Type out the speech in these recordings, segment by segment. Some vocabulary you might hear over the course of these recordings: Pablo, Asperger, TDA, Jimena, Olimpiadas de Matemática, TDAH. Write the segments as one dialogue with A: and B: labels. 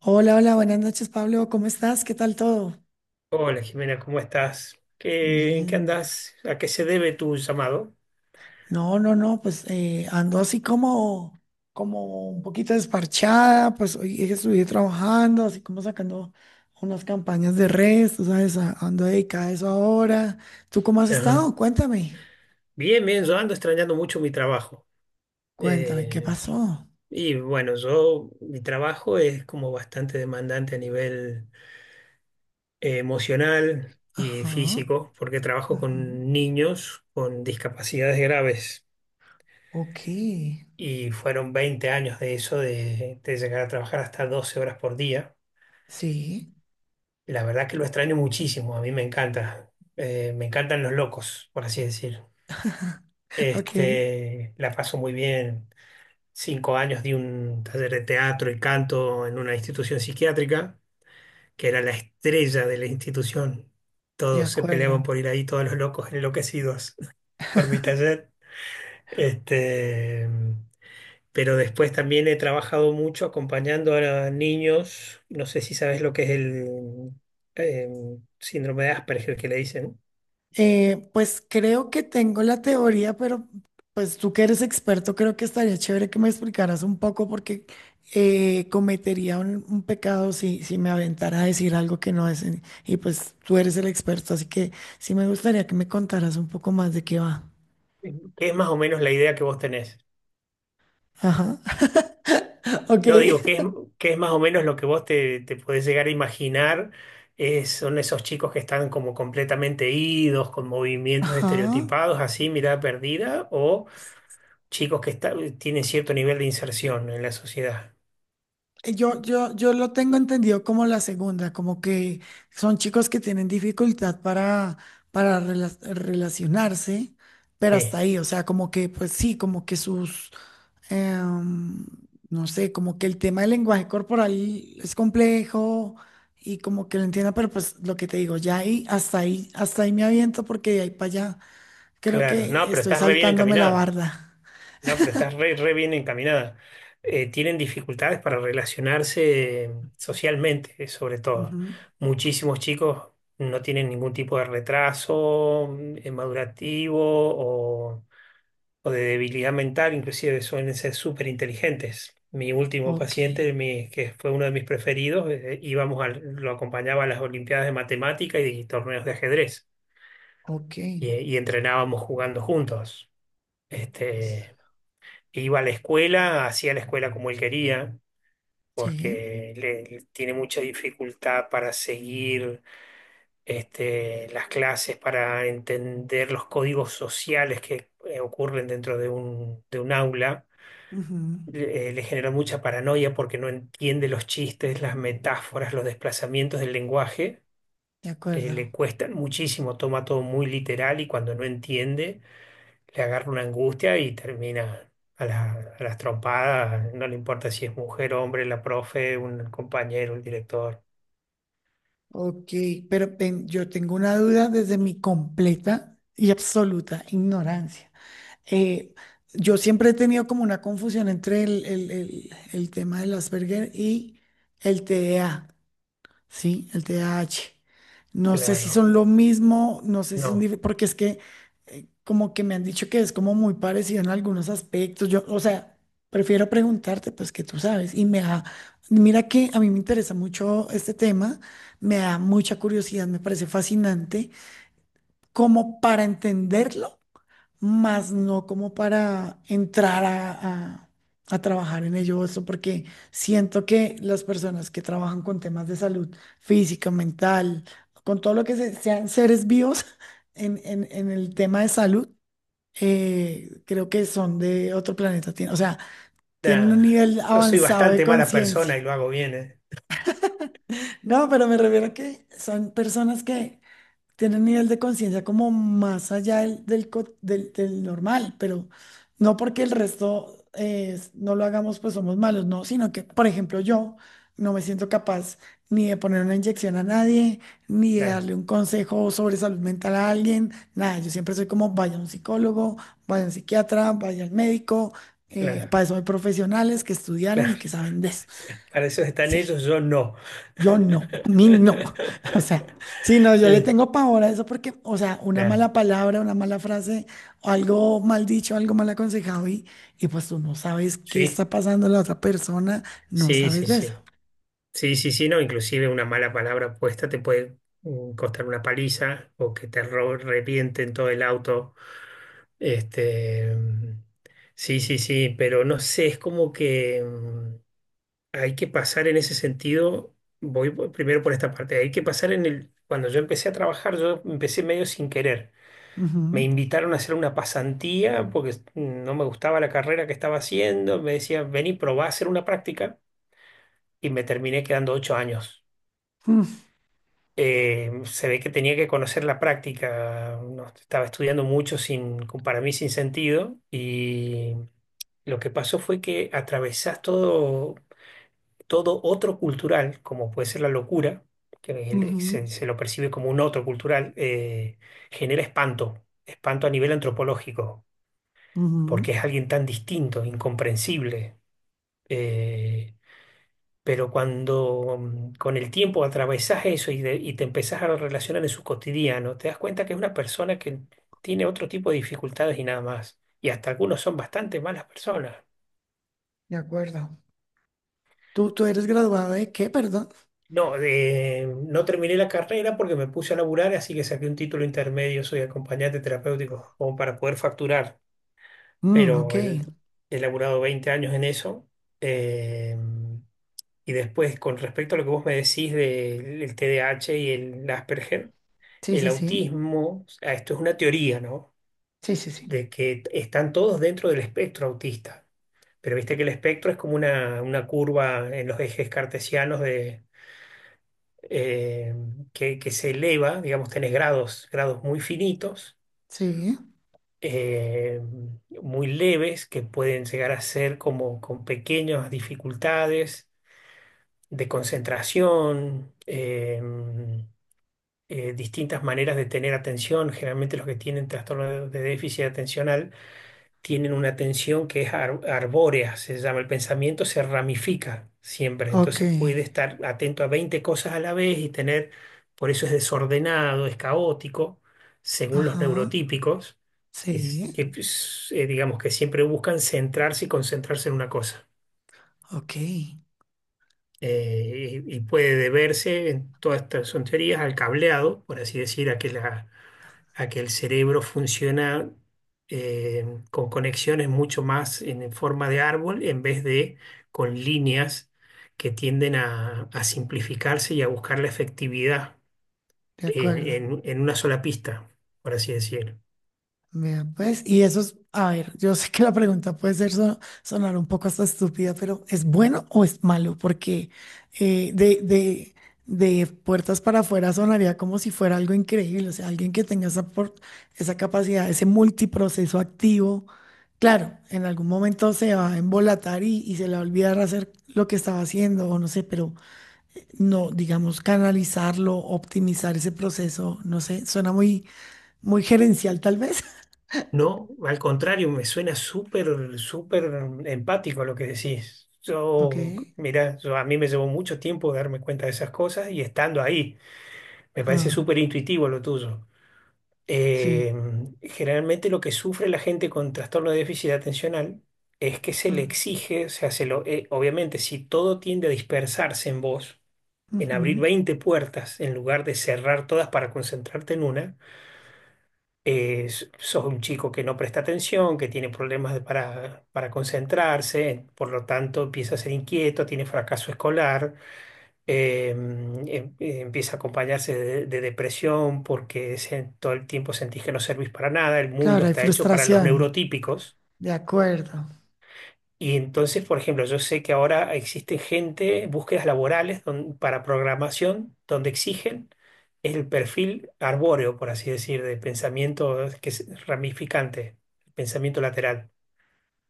A: Hola, hola, buenas noches, Pablo. ¿Cómo estás? ¿Qué tal todo?
B: Hola Jimena, ¿cómo estás? ¿En qué
A: Bien.
B: andás? ¿A qué se debe tu llamado?
A: No, no, no, ando así como, como un poquito desparchada. Pues hoy estuve trabajando, así como sacando unas campañas de redes, tú sabes, ando dedicada a eso ahora. ¿Tú cómo has
B: Ajá.
A: estado? Cuéntame,
B: Bien, yo ando extrañando mucho mi trabajo.
A: cuéntame, ¿qué
B: Eh,
A: pasó?
B: mi trabajo es como bastante demandante a nivel emocional y
A: Ajá,
B: físico, porque trabajo
A: ujú,
B: con niños con discapacidades graves.
A: ok,
B: Y fueron 20 años de eso, de llegar a trabajar hasta 12 horas por día.
A: sí,
B: La verdad que lo extraño muchísimo, a mí me encanta. Me encantan los locos, por así decir.
A: ok,
B: Este, la paso muy bien. Cinco años di un taller de teatro y canto en una institución psiquiátrica, que era la estrella de la institución.
A: de
B: Todos se
A: acuerdo.
B: peleaban por ir ahí, todos los locos enloquecidos por mi taller. Este, pero después también he trabajado mucho acompañando a niños. No sé si sabes lo que es el eh, síndrome de Asperger que le dicen.
A: Pues creo que tengo la teoría, pero pues tú que eres experto, creo que estaría chévere que me explicaras un poco porque cometería un pecado si me aventara a decir algo que no es. Y pues tú eres el experto, así que sí me gustaría que me contaras un poco más de qué va.
B: ¿Qué es más o menos la idea que vos tenés?
A: Ajá. Ok.
B: No, digo, que es más o menos lo que te podés llegar a imaginar. Eh, son esos chicos que están como completamente idos, con movimientos
A: Ajá.
B: estereotipados, así, mirada perdida, o chicos que está- tienen cierto nivel de inserción en la sociedad.
A: Yo lo tengo entendido como la segunda, como que son chicos que tienen dificultad para, relacionarse, pero hasta
B: Sí,
A: ahí, o sea, como que, pues sí, como que sus, em, no sé, como que el tema del lenguaje corporal es complejo y como que lo entiendo, pero pues lo que te digo, ya ahí, hasta ahí, hasta ahí me aviento porque de ahí para allá creo
B: claro. No,
A: que
B: pero
A: estoy
B: estás re bien
A: saltándome la
B: encaminada.
A: barda.
B: No, pero estás re bien encaminada. Tienen dificultades para relacionarse socialmente, sobre todo.
A: Ujú.
B: Muchísimos chicos no tienen ningún tipo de retraso madurativo o de debilidad mental, inclusive suelen ser súper inteligentes. Mi último
A: Ok,
B: paciente, que fue uno de mis preferidos, lo acompañaba a las Olimpiadas de Matemática y torneos de ajedrez
A: ok,
B: y entrenábamos jugando juntos. Este, iba a la escuela, hacía la escuela como él quería,
A: sí,
B: porque le tiene mucha dificultad para seguir este, las clases, para entender los códigos sociales que ocurren dentro de de un aula.
A: ujú.
B: Le genera mucha paranoia porque no entiende los chistes, las metáforas, los desplazamientos del lenguaje.
A: De
B: Le
A: acuerdo.
B: cuestan muchísimo, toma todo muy literal y cuando no entiende le agarra una angustia y termina a las trompadas, no le importa si es mujer, hombre, la profe, un compañero, el director.
A: Ok, pero yo tengo una duda desde mi completa y absoluta ignorancia. Eh, yo siempre he tenido como una confusión entre el tema del Asperger y el TDA. Sí, el TH. No sé si
B: Claro,
A: son lo mismo, no sé si son
B: no,
A: diferentes, porque es que como que me han dicho que es como muy parecido en algunos aspectos. Yo, o sea, prefiero preguntarte, pues que tú sabes. Mira que a mí me interesa mucho este tema, me da mucha curiosidad, me parece fascinante, como para entenderlo, más no como para entrar a trabajar en ello, eso porque siento que las personas que trabajan con temas de salud física, mental, con todo lo que sean seres vivos en, en el tema de salud, creo que son de otro planeta, o sea, tienen un
B: nada.
A: nivel
B: Yo soy
A: avanzado de
B: bastante mala
A: conciencia.
B: persona y lo hago bien, ¿eh?
A: No, pero me refiero a que son personas que tiene un nivel de conciencia como más allá del normal, pero no porque el resto no lo hagamos, pues somos malos, no, sino que, por ejemplo, yo no me siento capaz ni de poner una inyección a nadie, ni de
B: Claro,
A: darle un consejo sobre salud mental a alguien, nada, yo siempre soy como, vaya a un psicólogo, vaya a un psiquiatra, vaya al médico,
B: claro,
A: para eso hay profesionales que estudiaron y
B: claro.
A: que saben de eso,
B: Para eso están
A: sí.
B: ellos, yo no.
A: Yo no, a mí no. O sea, sí, no, yo le
B: Eh,
A: tengo pavor a eso porque, o sea, una
B: claro,
A: mala palabra, una mala frase, o algo mal dicho, algo mal aconsejado, y pues tú no sabes qué
B: sí,
A: está pasando la otra persona, no
B: sí,
A: sabes
B: sí,
A: de eso.
B: sí. Sí, sí, sí, no, inclusive una mala palabra puesta te puede costar una paliza o que revienten todo el auto. Este, sí, sí, sí, pero no sé, es como que hay que pasar en ese sentido, primero por esta parte, hay que pasar en el, cuando yo empecé a trabajar, yo empecé medio sin querer. Me
A: Ujú,
B: invitaron a hacer una pasantía porque no me gustaba la carrera que estaba haciendo, me decían, vení, probá a hacer una práctica y me terminé quedando ocho años.
A: mm,
B: Eh, se ve que tenía que conocer la práctica, no, estaba estudiando mucho sin, para mí sin sentido y lo que pasó fue que atravesás todo, todo otro cultural, como puede ser la locura,
A: ujú,
B: se lo percibe como un otro cultural, genera espanto, espanto a nivel antropológico, porque
A: ujú,
B: es alguien tan distinto, incomprensible. eh, pero cuando con el tiempo atravesás eso y y te empezás a relacionar en su cotidiano, te das cuenta que es una persona que tiene otro tipo de dificultades y nada más. Y hasta algunos son bastante malas personas.
A: de acuerdo. ¿Tú, tú eres graduado de qué, perdón?
B: No, no terminé la carrera porque me puse a laburar, así que saqué un título intermedio, soy acompañante terapéutico, como para poder facturar.
A: Mm, ok.
B: Pero el- he laburado 20 años en eso. Eh, y después, con respecto a lo que vos me decís del el T D A H y el Asperger.
A: Sí,
B: El
A: sí, sí.
B: autismo, ah, esto es una teoría, ¿no?
A: Sí, sí, sí.
B: De que están todos dentro del espectro autista. Pero viste que el espectro es como una curva en los ejes cartesianos de, eh, que se eleva, digamos, tenés grados, grados muy finitos,
A: Sí.
B: eh, muy leves, que pueden llegar a ser como con pequeñas dificultades de concentración, distintas maneras de tener atención. Generalmente los que tienen trastorno de déficit atencional tienen una tensión que es arbórea, se llama, el pensamiento se ramifica siempre,
A: Ok.
B: entonces puede estar atento a 20 cosas a la vez y tener, por eso es desordenado, es caótico, según los
A: Ajá.
B: neurotípicos, es
A: Sí.
B: que pues, digamos que siempre buscan centrarse y concentrarse en una cosa
A: Ok.
B: y puede deberse en todas estas son teorías al cableado, por así decir, a que el cerebro funciona eh, con conexiones mucho más en forma de árbol en vez de con líneas que tienden a simplificarse y a buscar la efectividad
A: De
B: en,
A: acuerdo.
B: en una sola pista, por así decir.
A: Vea, pues, y eso es, a ver, yo sé que la pregunta puede sonar un poco hasta estúpida, pero ¿es bueno o es malo? Porque eh, de, de, de puertas para afuera sonaría como si fuera algo increíble, o sea, alguien que tenga esa, esa capacidad, ese multiproceso activo. Claro, en algún momento se va a embolatar y se le va a olvidar hacer lo que estaba haciendo, o no sé, pero no, digamos, canalizarlo, optimizar ese proceso, no sé, suena muy, muy gerencial tal vez.
B: No, al contrario, me suena súper empático lo que decís.
A: Ok.
B: Mira, a mí me llevó mucho tiempo darme cuenta de esas cosas y estando ahí, me parece
A: Ah,
B: súper intuitivo lo tuyo.
A: sí,
B: Eh, generalmente lo que sufre la gente con trastorno de déficit atencional es que se le
A: ah,
B: exige, o sea, obviamente si todo tiende a dispersarse en vos, en abrir
A: ujú.
B: 20 puertas en lugar de cerrar todas para concentrarte en una, sos un chico que no presta atención, que tiene problemas para concentrarse, por lo tanto empieza a ser inquieto, tiene fracaso escolar, eh, em- empieza a acompañarse de depresión porque todo el tiempo sentís que no servís para nada, el mundo
A: Claro, hay
B: está hecho para los
A: frustración.
B: neurotípicos.
A: De acuerdo.
B: Y entonces, por ejemplo, yo sé que ahora existen gente, búsquedas laborales para programación, donde exigen el perfil arbóreo, por así decir, de pensamiento que es ramificante, pensamiento lateral.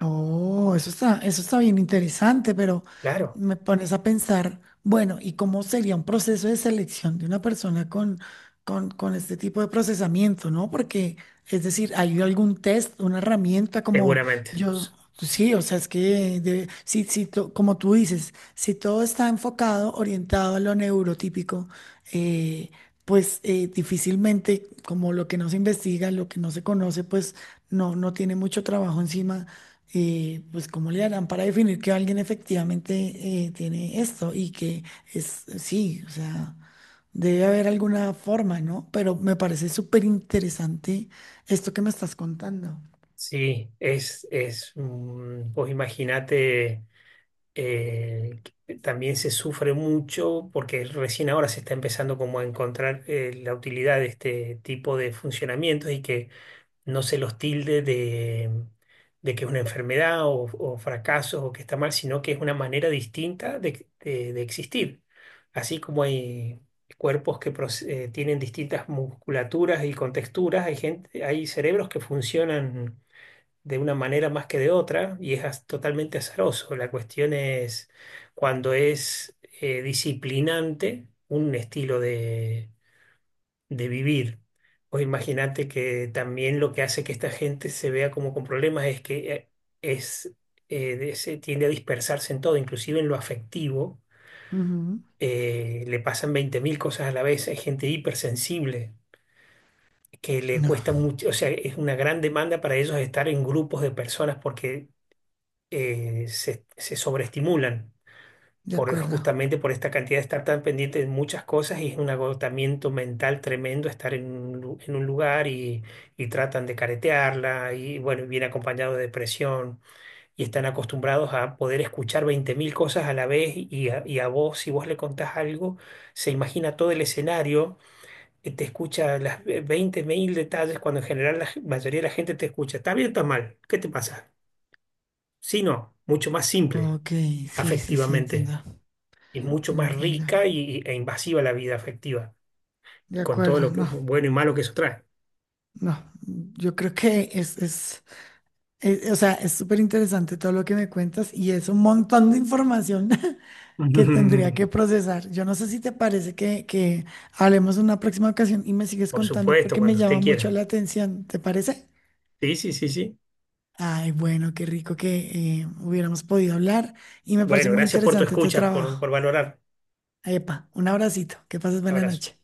A: Oh, eso está bien interesante, pero
B: Claro,
A: me pones a pensar, bueno, ¿y cómo sería un proceso de selección de una persona con este tipo de procesamiento, ¿no? Porque, es decir, ¿hay algún test, una herramienta como
B: seguramente.
A: yo? Sí, o sea, es que si, como tú dices, si todo está enfocado, orientado a lo neurotípico, eh, pues difícilmente, como lo que no se investiga, lo que no se conoce, pues no, no tiene mucho trabajo encima. Pues cómo le harán para definir que alguien efectivamente tiene esto y que es, sí, o sea, debe haber alguna forma, ¿no? Pero me parece súper interesante esto que me estás contando.
B: Sí, vos imaginate, eh, que también se sufre mucho porque recién ahora se está empezando como a encontrar la utilidad de este tipo de funcionamientos y que no se los tilde de que es una enfermedad o fracaso o que está mal, sino que es una manera distinta de existir. Así como hay cuerpos que tienen distintas musculaturas y contexturas, hay gente, hay cerebros que funcionan de una manera más que de otra y es totalmente azaroso. La cuestión es cuando es disciplinante un estilo de vivir. Pues imagínate que también lo que hace que esta gente se vea como con problemas es que es, se tiende a dispersarse en todo, inclusive en lo afectivo.
A: Ujú.
B: Eh, le pasan 20 mil cosas a la vez. Hay gente hipersensible que le
A: No,
B: cuesta mucho, o sea, es una gran demanda para ellos estar en grupos de personas porque se sobreestimulan.
A: de
B: Por,
A: acuerdo.
B: justamente por esta cantidad de estar tan pendiente de muchas cosas y es un agotamiento mental tremendo estar en un, en un lugar y tratan de caretearla y bueno, viene acompañado de depresión y están acostumbrados a poder escuchar 20 mil cosas a la vez y a vos, si vos le contás algo, se imagina todo el escenario, te escucha las 20 mil detalles cuando en general la mayoría de la gente te escucha, ¿está bien o está mal? ¿Qué te pasa? Si no, mucho más simple,
A: Ok, sí, sí, sí, entiendo,
B: afectivamente y mucho más
A: entiendo.
B: rica e invasiva la vida afectiva,
A: De
B: con todo
A: acuerdo,
B: lo que
A: no,
B: bueno y malo que eso trae.
A: no. Yo creo que es, o sea, es súper interesante todo lo que me cuentas y es un montón de información. Que tendría que procesar. Yo no sé si te parece que hablemos en una próxima ocasión y me sigues
B: Por
A: contando
B: supuesto,
A: porque me
B: cuando
A: llama
B: usted
A: mucho
B: quiera.
A: la atención. ¿Te parece?
B: Sí, sí, sí, sí.
A: Ay, bueno, qué rico que hubiéramos podido hablar y me parece
B: Bueno,
A: muy
B: gracias por tu
A: interesante tu
B: escucha,
A: trabajo.
B: por valorar.
A: Epa, un abracito. Que pases buena
B: Abrazo.
A: noche.